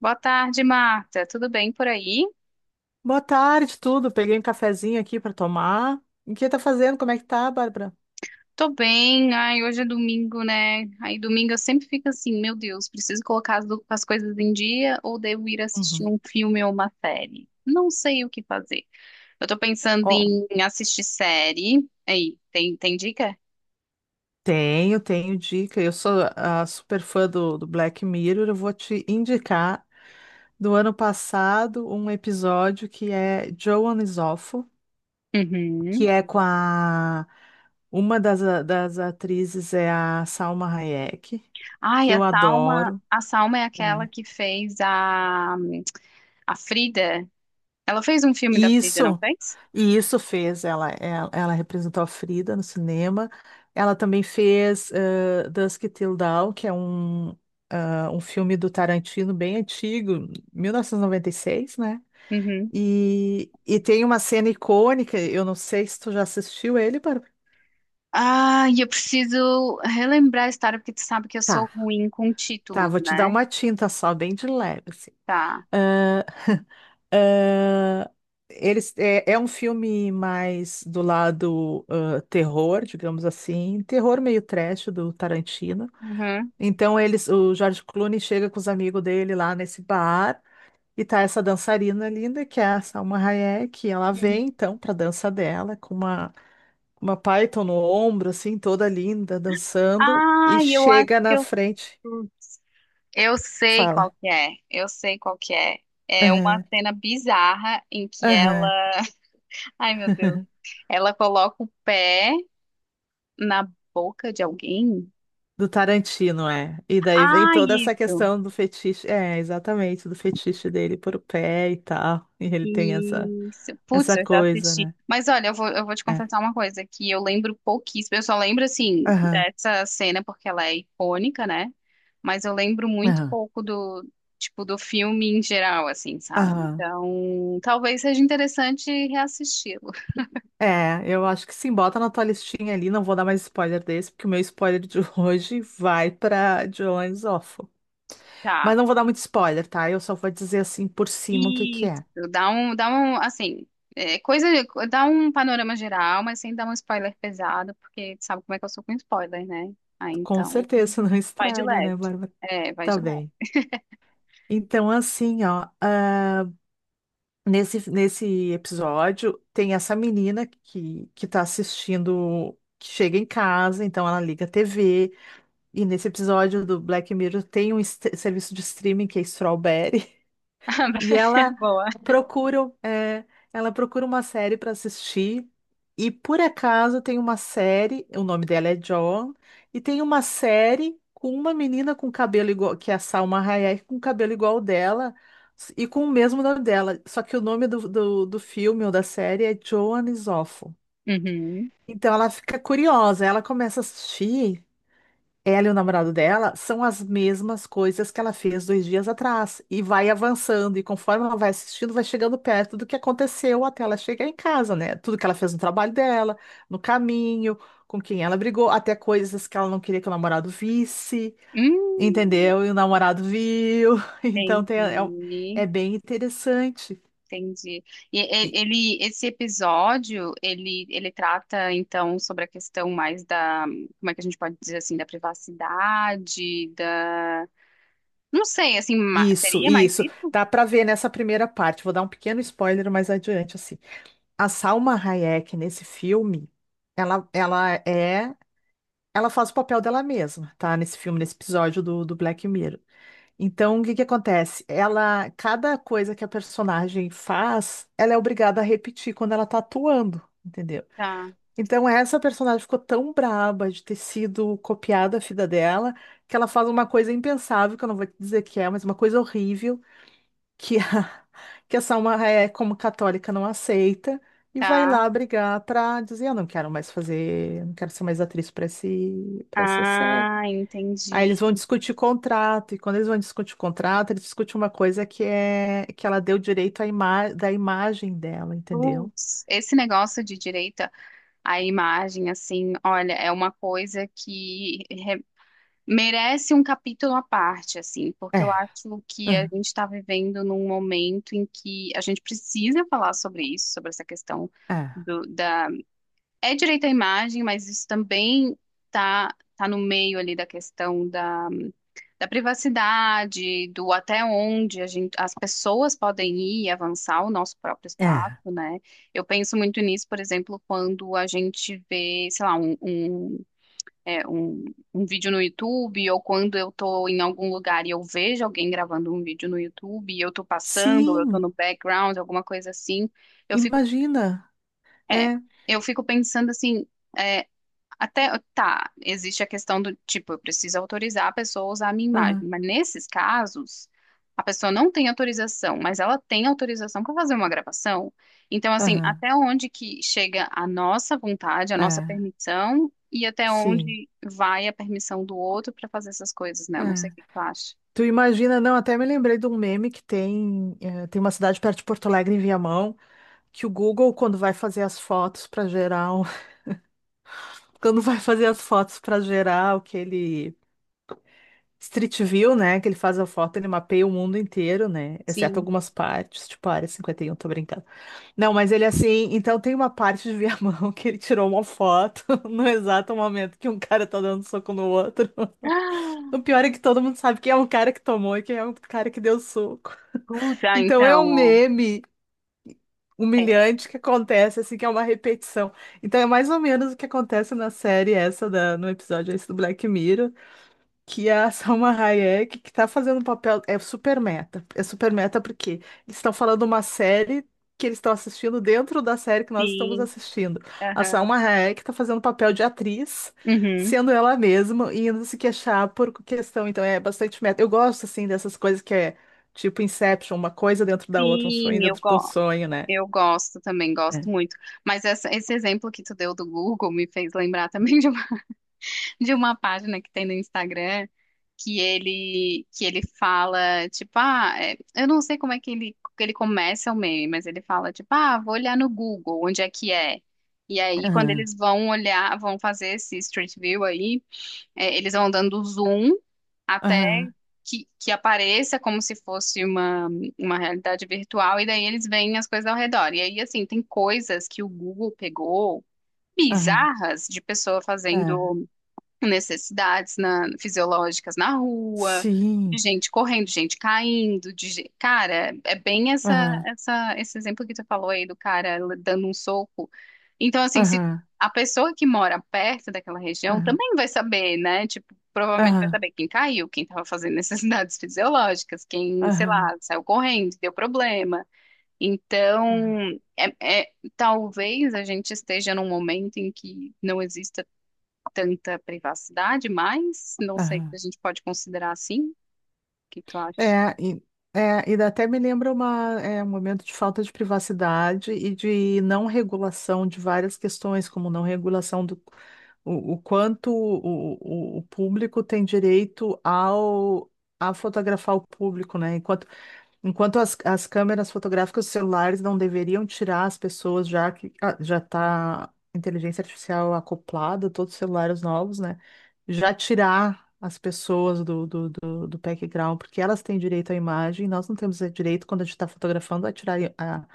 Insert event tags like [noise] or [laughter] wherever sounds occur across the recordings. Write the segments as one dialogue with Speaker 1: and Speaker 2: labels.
Speaker 1: Boa tarde, Marta. Tudo bem por aí?
Speaker 2: Boa tarde, tudo. Peguei um cafezinho aqui para tomar. O que tá fazendo? Como é que tá, Bárbara?
Speaker 1: Tô bem. Ai, hoje é domingo, né? Aí domingo eu sempre fico assim, meu Deus, preciso colocar as, as coisas em dia, ou devo ir assistir
Speaker 2: Uhum.
Speaker 1: um filme ou uma série? Não sei o que fazer. Eu tô pensando
Speaker 2: Ó,
Speaker 1: em assistir série. Aí, tem dica?
Speaker 2: tenho dica. Eu sou a super fã do Black Mirror. Eu vou te indicar do ano passado um episódio que é Joan is Awful, que
Speaker 1: Uhum.
Speaker 2: é com a uma das atrizes é a Salma Hayek,
Speaker 1: Ai,
Speaker 2: que eu adoro.
Speaker 1: A Salma é aquela
Speaker 2: É.
Speaker 1: que fez a Frida. Ela fez um filme da Frida, não
Speaker 2: Isso,
Speaker 1: fez?
Speaker 2: e isso fez. Ela representou a Frida no cinema. Ela também fez Dusk Till Dawn, que é um filme do Tarantino bem antigo, 1996, né?
Speaker 1: Uhum.
Speaker 2: E tem uma cena icônica. Eu não sei se tu já assistiu ele, Bárbara.
Speaker 1: Ah, e eu preciso relembrar a história, porque tu sabe que eu sou
Speaker 2: Tá,
Speaker 1: ruim com
Speaker 2: tá,
Speaker 1: títulos,
Speaker 2: vou te dar
Speaker 1: né?
Speaker 2: uma tinta só, bem de leve, assim.
Speaker 1: Tá.
Speaker 2: Ah, é um filme mais do lado terror, digamos assim, terror meio trash do Tarantino.
Speaker 1: Uhum,
Speaker 2: Então o George Clooney chega com os amigos dele lá nesse bar e tá essa dançarina linda que é a Salma Hayek, e ela
Speaker 1: uhum.
Speaker 2: vem então pra dança dela com uma Python no ombro assim, toda linda, dançando
Speaker 1: Ah,
Speaker 2: e
Speaker 1: eu acho
Speaker 2: chega
Speaker 1: que
Speaker 2: na
Speaker 1: eu.
Speaker 2: frente,
Speaker 1: Putz, eu sei qual
Speaker 2: fala:
Speaker 1: que é. Eu sei qual que é. É uma
Speaker 2: "Aham,
Speaker 1: cena bizarra em que ela.
Speaker 2: aham".
Speaker 1: [laughs] Ai, meu Deus. Ela coloca o pé na boca de alguém.
Speaker 2: Do Tarantino, é. E daí vem
Speaker 1: Ah,
Speaker 2: toda essa
Speaker 1: isso.
Speaker 2: questão do fetiche. É, exatamente, do fetiche dele por o pé e tal. E ele tem essa,
Speaker 1: Isso. Putz,
Speaker 2: essa
Speaker 1: eu já
Speaker 2: coisa,
Speaker 1: assisti.
Speaker 2: né?
Speaker 1: Mas olha, eu vou te
Speaker 2: É.
Speaker 1: confessar uma coisa, que eu lembro pouquíssimo. Eu só lembro, assim,
Speaker 2: Aham,
Speaker 1: dessa cena porque ela é icônica, né? Mas eu lembro muito
Speaker 2: aham,
Speaker 1: pouco do, tipo, do filme em geral, assim, sabe?
Speaker 2: aham.
Speaker 1: Então, talvez seja interessante reassisti-lo. [laughs]
Speaker 2: É, eu acho que sim, bota na tua listinha ali. Não vou dar mais spoiler desse, porque o meu spoiler de [laughs] hoje vai pra Jones Awful. Mas
Speaker 1: Tá.
Speaker 2: não vou dar muito spoiler, tá? Eu só vou dizer assim por cima o que que
Speaker 1: Isso,
Speaker 2: é.
Speaker 1: dá um, assim, é, coisa, dá um panorama geral, mas sem dar um spoiler pesado, porque tu sabe como é que eu sou com spoiler, né? Aí
Speaker 2: Com
Speaker 1: então,
Speaker 2: certeza [laughs] não
Speaker 1: vai de
Speaker 2: estraga,
Speaker 1: leve.
Speaker 2: né, Bárbara?
Speaker 1: É, vai
Speaker 2: Tá
Speaker 1: de leve.
Speaker 2: bem. Então, assim, ó. Nesse episódio, tem essa menina que tá assistindo, que chega em casa, então ela liga a TV. E nesse episódio do Black Mirror tem um serviço de streaming que é Strawberry. E
Speaker 1: [laughs] É boa.
Speaker 2: procura, é, ela procura uma série para assistir. E por acaso tem uma série, o nome dela é John, e tem uma série com uma menina com cabelo igual, que é a Salma Hayek, com cabelo igual ao dela e com o mesmo nome dela. Só que o nome do filme ou da série é Joan Isoffo.
Speaker 1: Uhum.
Speaker 2: Então ela fica curiosa, ela começa a assistir ela e o namorado dela são as mesmas coisas que ela fez 2 dias atrás e vai avançando e conforme ela vai assistindo, vai chegando perto do que aconteceu até ela chegar em casa, né? Tudo que ela fez no trabalho dela, no caminho, com quem ela brigou, até coisas que ela não queria que o namorado visse,
Speaker 1: Hum,
Speaker 2: entendeu? E o namorado viu. [laughs] Então é
Speaker 1: entendi,
Speaker 2: bem interessante.
Speaker 1: entendi.
Speaker 2: E-
Speaker 1: Ele, esse episódio, ele trata, então, sobre a questão mais da, como é que a gente pode dizer assim, da privacidade, da, não sei, assim,
Speaker 2: Isso,
Speaker 1: seria mais
Speaker 2: isso.
Speaker 1: isso?
Speaker 2: Dá pra ver nessa primeira parte. Vou dar um pequeno spoiler mais adiante, assim. A Salma Hayek nesse filme, ela, ela é, ela faz o papel dela mesma, tá? Nesse filme, nesse episódio do Black Mirror. Então, o que que acontece? Ela, cada coisa que a personagem faz, ela é obrigada a repetir quando ela tá atuando, entendeu?
Speaker 1: Tá,
Speaker 2: Então, essa personagem ficou tão braba de ter sido copiada a vida dela, que ela faz uma coisa impensável, que eu não vou te dizer que é, mas uma coisa horrível que a, [laughs] que a Salma é como católica não aceita e vai
Speaker 1: tá.
Speaker 2: lá brigar para dizer eu não quero mais fazer, não quero ser mais atriz para essa série.
Speaker 1: Ah,
Speaker 2: Aí eles
Speaker 1: entendi.
Speaker 2: vão discutir o contrato e quando eles vão discutir o contrato, eles discutem uma coisa que é que ela deu direito à ima da imagem dela, entendeu?
Speaker 1: Putz, esse negócio de direita à imagem, assim, olha, é uma coisa que re- merece um capítulo à parte, assim,
Speaker 2: É,
Speaker 1: porque eu acho que a
Speaker 2: aham,
Speaker 1: gente está vivendo num momento em que a gente precisa falar sobre isso, sobre essa questão do, da. É direito à imagem, mas isso também tá no meio ali da questão da privacidade, do até onde a gente, as pessoas podem ir e avançar o nosso próprio
Speaker 2: é, é.
Speaker 1: espaço, né? Eu penso muito nisso, por exemplo, quando a gente vê, sei lá, é, um, um vídeo no YouTube, ou quando eu tô em algum lugar e eu vejo alguém gravando um vídeo no YouTube, e eu tô passando, ou eu tô
Speaker 2: Sim,
Speaker 1: no background, alguma coisa assim, eu fico,
Speaker 2: imagina.
Speaker 1: é,
Speaker 2: É,
Speaker 1: eu fico pensando assim. é, até, tá, existe a questão do tipo, eu preciso autorizar a pessoa a usar a minha
Speaker 2: aham,
Speaker 1: imagem, mas nesses casos, a pessoa não tem autorização, mas ela tem autorização para fazer uma gravação. Então, assim,
Speaker 2: aham,
Speaker 1: até onde que chega a nossa vontade, a nossa
Speaker 2: é,
Speaker 1: permissão, e até
Speaker 2: sim.
Speaker 1: onde vai a permissão do outro para fazer essas coisas, né?
Speaker 2: É.
Speaker 1: Eu não sei o que que tu acha.
Speaker 2: Tu imagina, não, até me lembrei de um meme que tem, tem uma cidade perto de Porto Alegre, em Viamão, que o Google, quando vai fazer as fotos para gerar, [laughs] quando vai fazer as fotos para gerar aquele Street View, né, que ele faz a foto, ele mapeia o mundo inteiro, né, exceto
Speaker 1: Sim.
Speaker 2: algumas partes, tipo a Área 51, tô brincando. Não, mas ele assim, então tem uma parte de Viamão [laughs] que ele tirou uma foto [laughs] no exato momento que um cara tá dando soco no outro. [laughs]
Speaker 1: Ah,
Speaker 2: O pior é que todo mundo sabe quem é o cara que tomou e quem é o cara que deu soco.
Speaker 1: puta,
Speaker 2: Então é um
Speaker 1: então, ó.
Speaker 2: meme
Speaker 1: É,
Speaker 2: humilhante que acontece, assim, que é uma repetição. Então é mais ou menos o que acontece na série essa, no episódio esse do Black Mirror que é a [laughs] Salma Hayek, que tá fazendo um papel, é super meta. É super meta porque eles estão falando uma série que eles estão assistindo dentro da série que nós estamos
Speaker 1: sim.
Speaker 2: assistindo. A
Speaker 1: Aham.
Speaker 2: Salma Hayek tá fazendo papel de atriz,
Speaker 1: Uhum.
Speaker 2: sendo ela mesma e indo se queixar por questão. Então é bastante meta. Eu gosto, assim, dessas coisas que é tipo Inception, uma coisa dentro da outra, um sonho
Speaker 1: Sim, eu
Speaker 2: dentro de um
Speaker 1: gosto.
Speaker 2: sonho, né?
Speaker 1: Eu gosto também, gosto
Speaker 2: É.
Speaker 1: muito. Mas esse exemplo que tu deu do Google me fez lembrar [laughs] também de uma, [laughs] de uma página que tem no Instagram que ele fala, tipo, ah, é, eu não sei como é que ele começa o meme, mas ele fala, tipo, ah, vou olhar no Google, onde é que é? E aí, quando
Speaker 2: Aham,
Speaker 1: eles vão olhar, vão fazer esse Street View aí, é, eles vão dando zoom até
Speaker 2: aham,
Speaker 1: que apareça como se fosse uma realidade virtual, e daí eles veem as coisas ao redor. E aí, assim, tem coisas que o Google pegou
Speaker 2: aham,
Speaker 1: bizarras de pessoa
Speaker 2: aham.
Speaker 1: fazendo fisiológicas na rua, de
Speaker 2: Sim.
Speaker 1: gente correndo, gente caindo, cara, é bem essa,
Speaker 2: Aham,
Speaker 1: essa, esse exemplo que tu falou aí do cara dando um soco. Então, assim, se
Speaker 2: aham,
Speaker 1: a pessoa que mora perto daquela região
Speaker 2: aham,
Speaker 1: também vai saber, né? Tipo, provavelmente vai
Speaker 2: aham,
Speaker 1: saber quem caiu, quem estava fazendo necessidades [laughs] fisiológicas, quem, sei
Speaker 2: aham.
Speaker 1: lá, saiu correndo, deu problema.
Speaker 2: Aham.
Speaker 1: Então, talvez a gente esteja num momento em que não exista tanta privacidade, mas não sei se a
Speaker 2: Aham.
Speaker 1: gente pode considerar assim. O que tu acha?
Speaker 2: É, e, é, e até me lembra uma, é, um momento de falta de privacidade e de não regulação de várias questões, como não regulação do o quanto o público tem direito ao a fotografar o público, né? Enquanto as câmeras fotográficas dos celulares não deveriam tirar as pessoas, já que ah, já está inteligência artificial acoplada, todos os celulares novos, né? Já tirar as pessoas do background, porque elas têm direito à imagem, nós não temos direito, quando a gente está fotografando, a tirar a,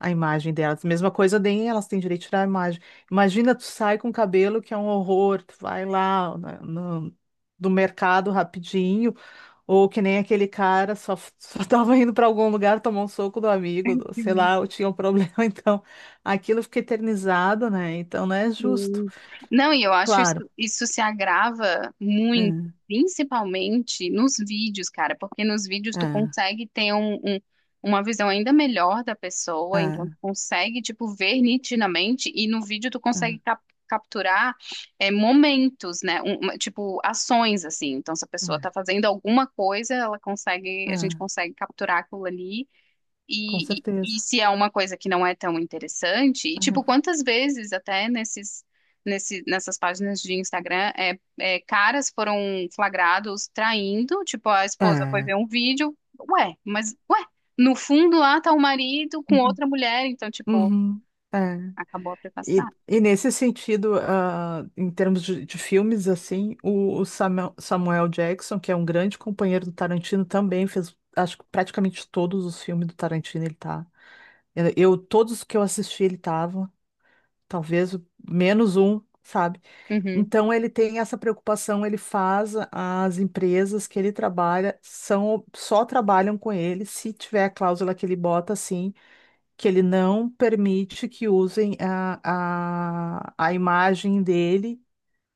Speaker 2: a imagem delas. Mesma coisa, nem elas têm direito a tirar a imagem. Imagina, tu sai com um cabelo, que é um horror, tu vai lá do mercado rapidinho ou que nem aquele cara só, [laughs] só tava indo para algum lugar, tomou um soco do amigo, sei
Speaker 1: Sim,
Speaker 2: lá, ou tinha um problema. [laughs] Então, aquilo fica eternizado, né? Então não é justo.
Speaker 1: sim. Não, e eu acho isso,
Speaker 2: Claro.
Speaker 1: isso se agrava
Speaker 2: É,
Speaker 1: muito, principalmente nos vídeos, cara, porque nos vídeos tu
Speaker 2: é,
Speaker 1: consegue ter uma visão ainda melhor da pessoa, então tu
Speaker 2: é,
Speaker 1: consegue, tipo, ver nitidamente, e no vídeo
Speaker 2: é,
Speaker 1: capturar, é, momentos, né? Tipo, ações, assim. Então, se a pessoa tá fazendo alguma coisa, ela consegue,
Speaker 2: é,
Speaker 1: a gente
Speaker 2: é,
Speaker 1: consegue capturar aquilo ali.
Speaker 2: com
Speaker 1: E
Speaker 2: certeza.
Speaker 1: se é uma coisa que não é tão interessante, e tipo, quantas vezes até nessas páginas de Instagram, caras foram flagrados traindo, tipo, a
Speaker 2: É.
Speaker 1: esposa foi
Speaker 2: É.
Speaker 1: ver um vídeo, mas ué, no fundo lá tá o marido com
Speaker 2: Uhum,
Speaker 1: outra mulher, então, tipo,
Speaker 2: uhum, é.
Speaker 1: acabou a
Speaker 2: E,
Speaker 1: privacidade.
Speaker 2: e nesse sentido, ah, em termos de filmes, assim, o Samuel, Jackson, que é um grande companheiro do Tarantino, também fez, acho que praticamente todos os filmes do Tarantino ele tá. Todos os que eu assisti, ele tava, talvez menos um, sabe?
Speaker 1: Uhum,
Speaker 2: Então ele tem essa preocupação, ele as empresas que ele trabalha são só trabalham com ele se tiver a cláusula que ele bota assim, que ele não permite que usem a imagem dele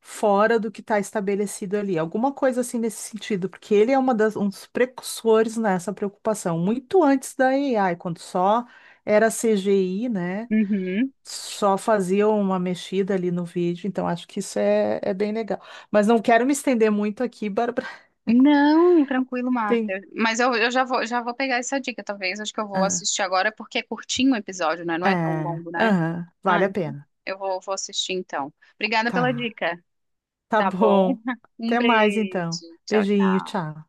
Speaker 2: fora do que está estabelecido ali. Alguma coisa assim nesse sentido, porque ele é um dos precursores nessa preocupação, muito antes da AI, quando só era CGI, né?
Speaker 1: uhum.
Speaker 2: Só faziam uma mexida ali no vídeo, então acho que isso é, é bem legal. Mas não quero me estender muito aqui, Bárbara. [laughs]
Speaker 1: Não, tranquilo,
Speaker 2: Tem.
Speaker 1: Marta. Mas eu já vou pegar essa dica, talvez. Acho que eu vou
Speaker 2: Ah,
Speaker 1: assistir agora, porque é curtinho o episódio, né? Não é tão
Speaker 2: é,
Speaker 1: longo, né?
Speaker 2: aham,
Speaker 1: Ah,
Speaker 2: vale a
Speaker 1: então.
Speaker 2: pena.
Speaker 1: Eu vou assistir então. Obrigada pela
Speaker 2: Tá,
Speaker 1: dica.
Speaker 2: tá
Speaker 1: Tá bom?
Speaker 2: bom.
Speaker 1: [laughs] Um
Speaker 2: Até mais
Speaker 1: beijo.
Speaker 2: então.
Speaker 1: Tchau,
Speaker 2: Beijinho,
Speaker 1: tchau.
Speaker 2: tchau.